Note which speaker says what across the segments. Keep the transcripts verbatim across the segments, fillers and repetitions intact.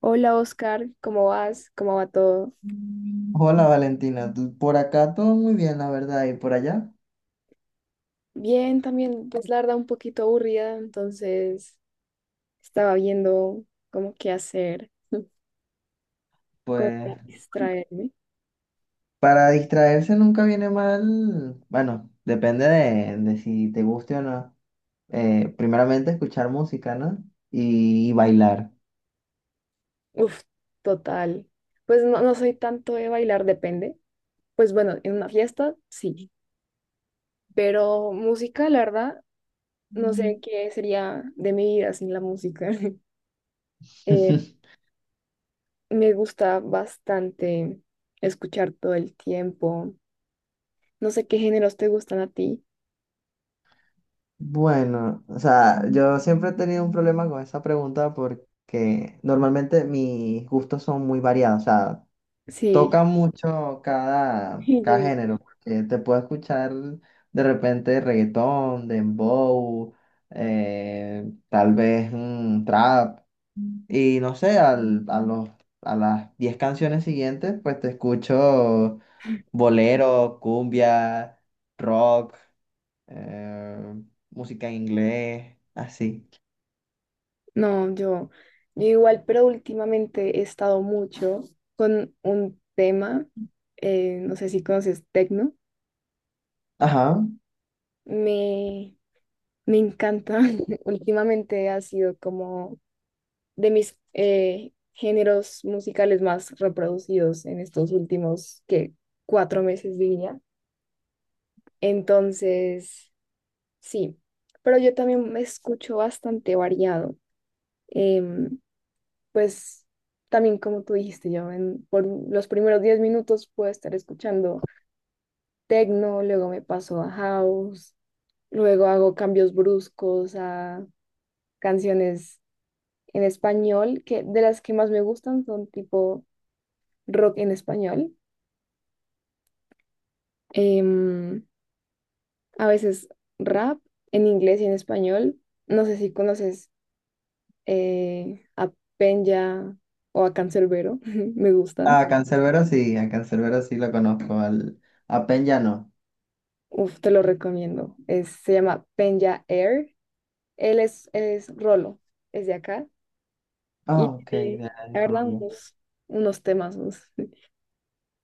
Speaker 1: Hola Oscar, ¿cómo vas? ¿Cómo va todo?
Speaker 2: Hola Valentina, tú- por acá todo muy bien, la verdad, y por allá,
Speaker 1: Bien, también, pues la verdad un poquito aburrida, entonces estaba viendo como qué hacer, cómo
Speaker 2: pues
Speaker 1: para distraerme.
Speaker 2: para distraerse nunca viene mal, bueno, depende de, de si te guste o no. Eh, primeramente escuchar música, ¿no? Y, y bailar.
Speaker 1: Uf, total. Pues no, no soy tanto de bailar, depende. Pues bueno, en una fiesta sí, pero música, la verdad, no sé qué sería de mi vida sin la música. Eh, Me gusta bastante escuchar todo el tiempo. No sé qué géneros te gustan a ti.
Speaker 2: Bueno, o sea, yo siempre he tenido un problema con esa pregunta porque normalmente mis gustos son muy variados, o sea,
Speaker 1: Sí.
Speaker 2: toca mucho cada,
Speaker 1: Y yo
Speaker 2: cada
Speaker 1: igual.
Speaker 2: género, porque te puedo escuchar de repente reggaetón, dembow, eh, tal vez mm, trap, y no sé, al- a los, a las diez canciones siguientes, pues te escucho bolero, cumbia, rock, eh, música en inglés, así.
Speaker 1: No, yo, yo igual, pero últimamente he estado mucho con un tema, eh, no sé si conoces tecno,
Speaker 2: Ajá,
Speaker 1: me, me encanta. Últimamente ha sido como de mis eh, géneros musicales más reproducidos en estos últimos, que cuatro meses diría. Entonces, sí, pero yo también me escucho bastante variado. Em, pues también como tú dijiste, yo en, por los primeros diez minutos puedo estar escuchando techno, luego me paso a house, luego hago cambios bruscos a canciones en español, que de las que más me gustan son tipo rock en español, em, a veces rap en inglés y en español. No sé si conoces eh, a Penya o a Canserbero, me gustan.
Speaker 2: a Canserbero sí, a Canserbero sí lo conozco, al, a Peña no.
Speaker 1: Uf, te lo recomiendo. Es- se llama Penya Air. Él es, él es Rolo, es de acá.
Speaker 2: Ah,
Speaker 1: Y
Speaker 2: ok,
Speaker 1: tiene,
Speaker 2: de
Speaker 1: la verdad,
Speaker 2: Colombia.
Speaker 1: unos, unos temazos.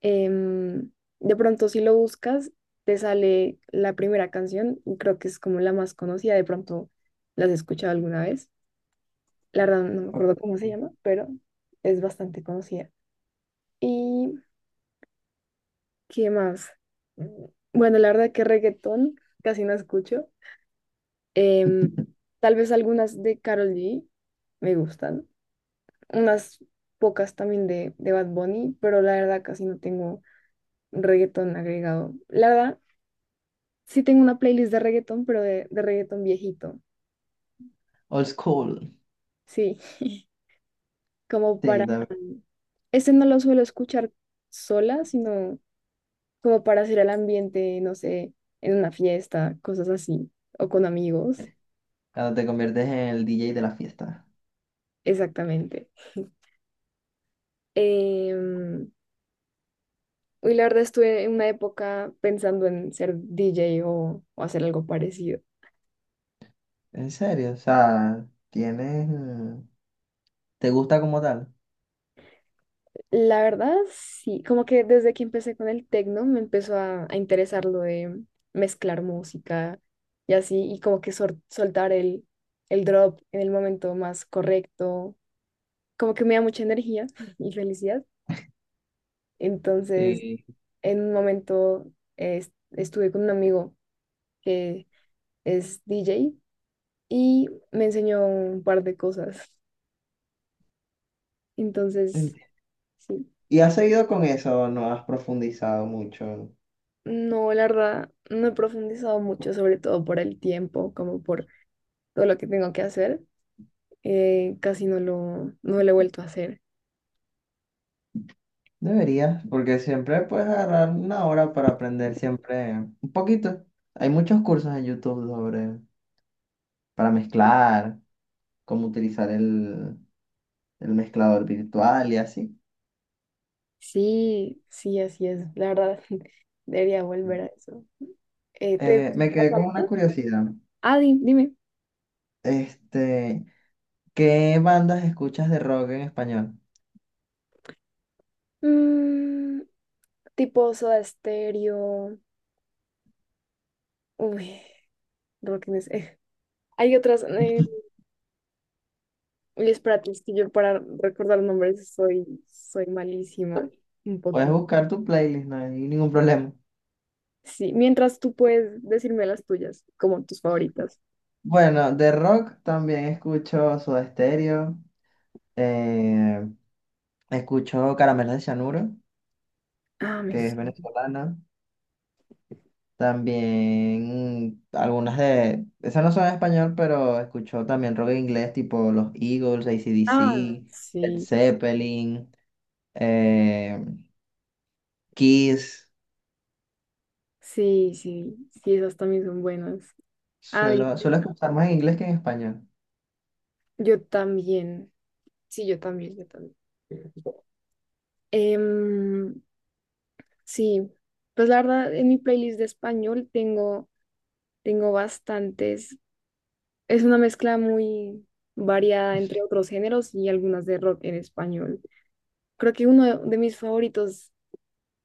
Speaker 1: Em, de pronto, si lo buscas, te sale la primera canción. Y creo que es como la más conocida. De pronto, ¿las has escuchado alguna vez? La verdad, no me
Speaker 2: Ok.
Speaker 1: acuerdo cómo se llama, pero es bastante conocida. ¿Y qué más? Mm, bueno, la verdad que reggaetón casi no escucho. Em, tal vez algunas de Karol G me gustan, unas pocas también de, de Bad Bunny, pero la verdad casi no tengo reggaetón agregado. La verdad, sí tengo una playlist de reggaetón, pero de, de reggaetón viejito.
Speaker 2: Old school.
Speaker 1: Sí, como
Speaker 2: Sí,
Speaker 1: para...
Speaker 2: también,
Speaker 1: Este no lo suelo escuchar sola, sino como para hacer el ambiente, no sé, en una fiesta, cosas así, o con amigos,
Speaker 2: cuando te conviertes en el D J de la fiesta.
Speaker 1: exactamente. Em, Hoy la verdad estuve en una época pensando en ser D J o, o hacer algo parecido.
Speaker 2: ¿En serio? O sea, tienes, mm, ¿te gusta como tal?
Speaker 1: La verdad, sí, como que desde que empecé con el tecno me empezó a, a interesar lo de mezclar música y así, y como que sor- soltar el, el drop en el momento más correcto, como que me da mucha energía y felicidad. Entonces,
Speaker 2: Sí.
Speaker 1: en un momento eh, est- estuve con un amigo que es D J y me enseñó un par de cosas. Entonces,
Speaker 2: Enti-
Speaker 1: sí.
Speaker 2: ¿Y has seguido con eso o no has profundizado mucho?
Speaker 1: No, la verdad, no he profundizado mucho, sobre todo por el tiempo, como por todo lo que tengo que hacer. Eh, casi no lo, no lo he vuelto a hacer.
Speaker 2: Deberías, porque siempre puedes agarrar una hora para aprender siempre un poquito. Hay muchos cursos en YouTube sobre para mezclar, cómo utilizar el, el mezclador virtual y así.
Speaker 1: Sí, sí, así es. La verdad, debería volver a eso. Eh, ¿te
Speaker 2: Eh,
Speaker 1: gusta
Speaker 2: me quedé
Speaker 1: la
Speaker 2: con una
Speaker 1: salsa?
Speaker 2: curiosidad.
Speaker 1: Ah, di- dime.
Speaker 2: Este, ¿Qué bandas escuchas de rock en español?
Speaker 1: Mm, tipo Soda Stereo. Uy, Rock in es- hay otras. Eh, uy, espérate, es que yo para recordar nombres soy, soy malísima. Un
Speaker 2: Puedes
Speaker 1: poquito.
Speaker 2: buscar tu playlist, no hay ningún problema.
Speaker 1: Sí, mientras tú puedes decirme las tuyas, como tus favoritas.
Speaker 2: Bueno, de rock también escucho Soda Stereo, eh, escucho Caramelos de Cianuro,
Speaker 1: Ah,
Speaker 2: que
Speaker 1: mis...
Speaker 2: es venezolana. También algunas de, esas no son en español, pero escucho también rock en inglés, tipo los Eagles,
Speaker 1: Ah,
Speaker 2: A C/D C, Led
Speaker 1: sí,
Speaker 2: Zeppelin, eh, Kiss.
Speaker 1: sí, sí, sí, esas también son buenas. Ay,
Speaker 2: Suelo, suelo escuchar más en inglés que en español.
Speaker 1: yo también. Sí, yo también, yo también. Em, sí, pues la verdad, en mi playlist de español tengo, tengo bastantes. Es una mezcla muy variada entre otros géneros y algunas de rock en español. Creo que uno de mis favoritos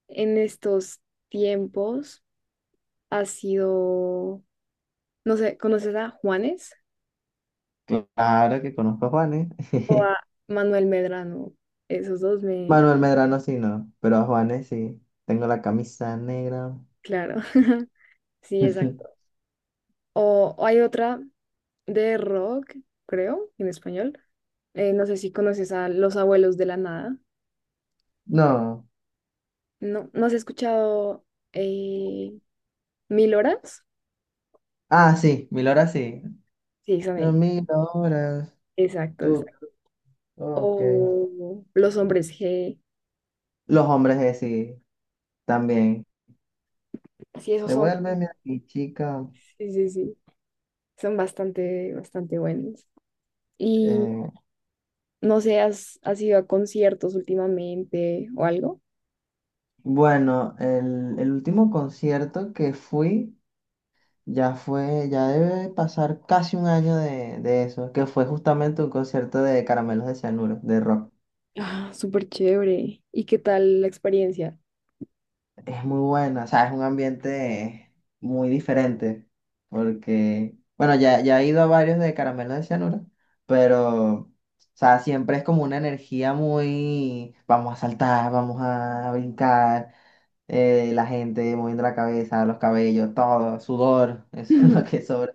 Speaker 1: en estos tiempos ha sido, no sé, ¿conoces a Juanes?
Speaker 2: Claro que conozco a Juanes.
Speaker 1: Manuel Medrano, esos dos me,
Speaker 2: Manuel Medrano sí, no, pero a Juanes sí. Tengo la camisa negra.
Speaker 1: claro, sí, exacto. O, o hay otra de rock, creo, en español. Eh, no sé si conoces a Los Abuelos de la Nada.
Speaker 2: No.
Speaker 1: No, ¿no has escuchado eh, Mil Horas?
Speaker 2: Ah, sí, mil horas sí.
Speaker 1: Sí, son
Speaker 2: Eh,
Speaker 1: ellos.
Speaker 2: Mil horas.
Speaker 1: Exacto,
Speaker 2: Tú,
Speaker 1: exacto.
Speaker 2: ok.
Speaker 1: O Los Hombres G.
Speaker 2: Los hombres, eh, sí, también.
Speaker 1: Sí, esos son,
Speaker 2: Devuélveme aquí, chica.
Speaker 1: sí, sí, sí. Son bastante, bastante buenos.
Speaker 2: Eh,
Speaker 1: No sé, ¿has, has ido a conciertos últimamente o algo?
Speaker 2: bueno, el, el último concierto que fui ya fue, ya debe pasar casi un año de, de eso, que fue justamente un concierto de Caramelos de Cianuro, de rock.
Speaker 1: Ah, súper chévere. ¿Y qué tal la experiencia?
Speaker 2: Es muy buena, o sea, es un ambiente muy diferente, porque, bueno, ya, ya he ido a varios de Caramelo de Cianuro, pero, o sea, siempre es como una energía muy, vamos a saltar, vamos a brincar, eh, la gente moviendo la cabeza, los cabellos, todo, sudor, eso es lo que sobra.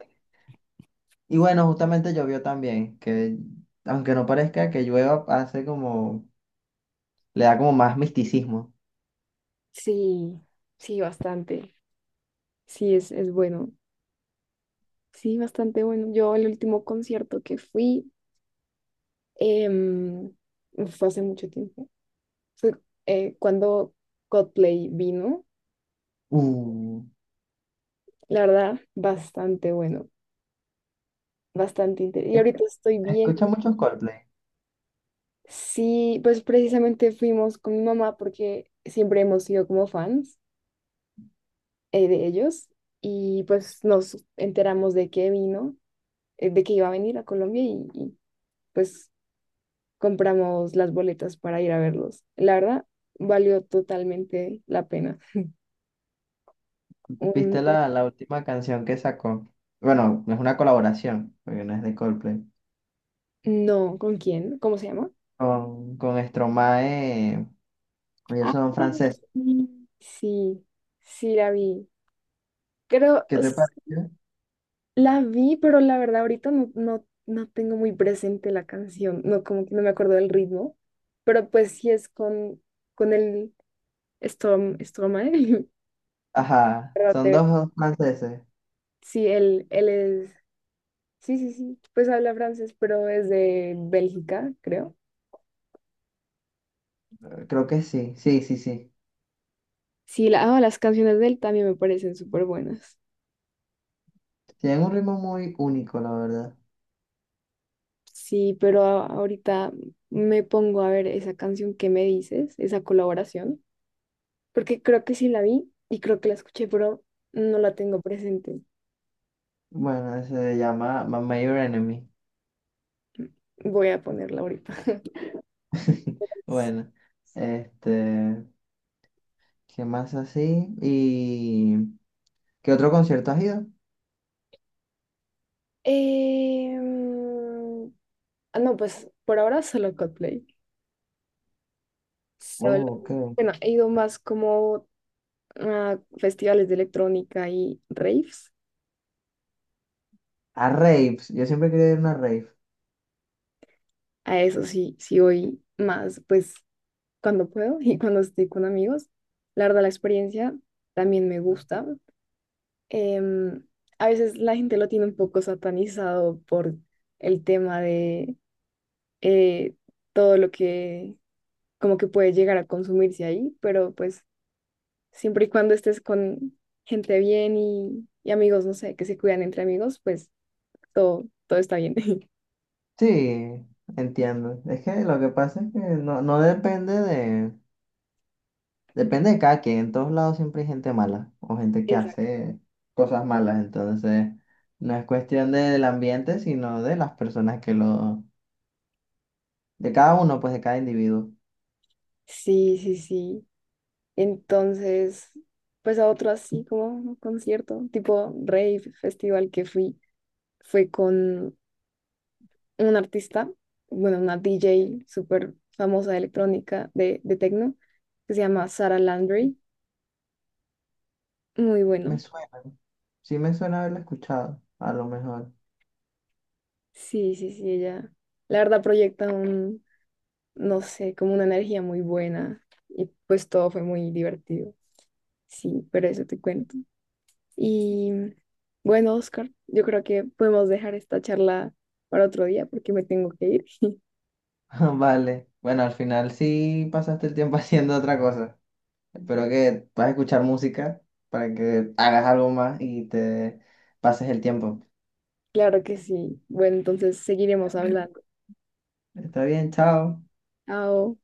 Speaker 2: Y bueno, justamente llovió también, que aunque no parezca que llueva, hace como, le da como más misticismo.
Speaker 1: Sí, sí, bastante. Sí, es, es bueno. Sí, bastante bueno. Yo el último concierto que fui em, fue hace mucho tiempo. Fue eh, cuando Coldplay vino.
Speaker 2: Uh,
Speaker 1: La verdad, bastante bueno, bastante interesante. Y
Speaker 2: es-
Speaker 1: ahorita estoy viendo,
Speaker 2: escucha muchos Coldplay.
Speaker 1: sí, pues precisamente fuimos con mi mamá porque siempre hemos sido como fans eh, de ellos y pues nos enteramos de que vino, eh, de que iba a venir a Colombia y, y, pues compramos las boletas para ir a verlos. La verdad, valió totalmente la pena.
Speaker 2: ¿Viste
Speaker 1: Un-
Speaker 2: la, la última canción que sacó? Bueno, no es una colaboración, porque no es de Coldplay.
Speaker 1: no, ¿con quién? ¿Cómo se llama?
Speaker 2: Con, con Stromae, ellos
Speaker 1: Ah,
Speaker 2: son franceses.
Speaker 1: sí, sí, sí la vi. Creo,
Speaker 2: ¿Qué te parece?
Speaker 1: la vi, pero la verdad ahorita no, no, no tengo muy presente la canción, no como que no me acuerdo del ritmo, pero pues sí es con, con el Storm, Stromae,
Speaker 2: Ajá,
Speaker 1: perdón,
Speaker 2: son
Speaker 1: de-
Speaker 2: dos franceses.
Speaker 1: sí, él, él es, sí, sí, sí, pues habla francés, pero es de Bélgica, creo.
Speaker 2: Creo que sí, sí, sí, sí.
Speaker 1: Sí, la, ah, las canciones de él también me parecen súper buenas.
Speaker 2: Tienen un ritmo muy único, la verdad.
Speaker 1: Sí, pero a- ahorita me pongo a ver esa canción que me dices, esa colaboración. Porque creo que sí la vi y creo que la escuché, pero no la tengo presente.
Speaker 2: Bueno, se llama My Major Enemy.
Speaker 1: Voy a ponerla ahorita.
Speaker 2: Bueno, este, ¿qué más así? ¿Y qué otro concierto has ido?
Speaker 1: Em, ah, no, pues por ahora solo Coldplay. Solo.
Speaker 2: Oh, ok.
Speaker 1: Bueno, he ido más como a festivales de electrónica y raves.
Speaker 2: A raves, yo siempre quería ir a una rave.
Speaker 1: A eso sí, sí voy más, pues cuando puedo y cuando estoy con amigos. La verdad, la experiencia también me gusta. Em, a veces la gente lo tiene un poco satanizado por el tema de eh, todo lo que como que puede llegar a consumirse ahí, pero pues siempre y cuando estés con gente bien y, y amigos, no sé, que se cuidan entre amigos, pues todo, todo está bien.
Speaker 2: Sí, entiendo. Es que lo que pasa es que no, no depende de. Depende de cada quien. En todos lados siempre hay gente mala o gente que
Speaker 1: Exacto.
Speaker 2: hace cosas malas. Entonces, no es cuestión del ambiente, sino de las personas que lo. De cada uno, pues de cada individuo.
Speaker 1: Sí, sí, sí. Entonces, pues a otro así como concierto, tipo rave festival que fui, fue con un artista, bueno, una D J súper famosa de electrónica, de, de techno, que se llama Sara Landry. Muy
Speaker 2: Me
Speaker 1: bueno.
Speaker 2: suena. Sí me suena haberlo escuchado, a lo mejor.
Speaker 1: Sí, sí, sí, ella, la verdad, proyecta un, no sé, como una energía muy buena y pues todo fue muy divertido. Sí, pero eso te cuento. Y bueno, Oscar, yo creo que podemos dejar esta charla para otro día porque me tengo que ir.
Speaker 2: Vale. Bueno, al final sí pasaste el tiempo haciendo otra cosa. Espero que puedas escuchar música para que hagas algo más y te pases el tiempo.
Speaker 1: Claro que sí. Bueno, entonces seguiremos hablando.
Speaker 2: Está bien, chao.
Speaker 1: Chao.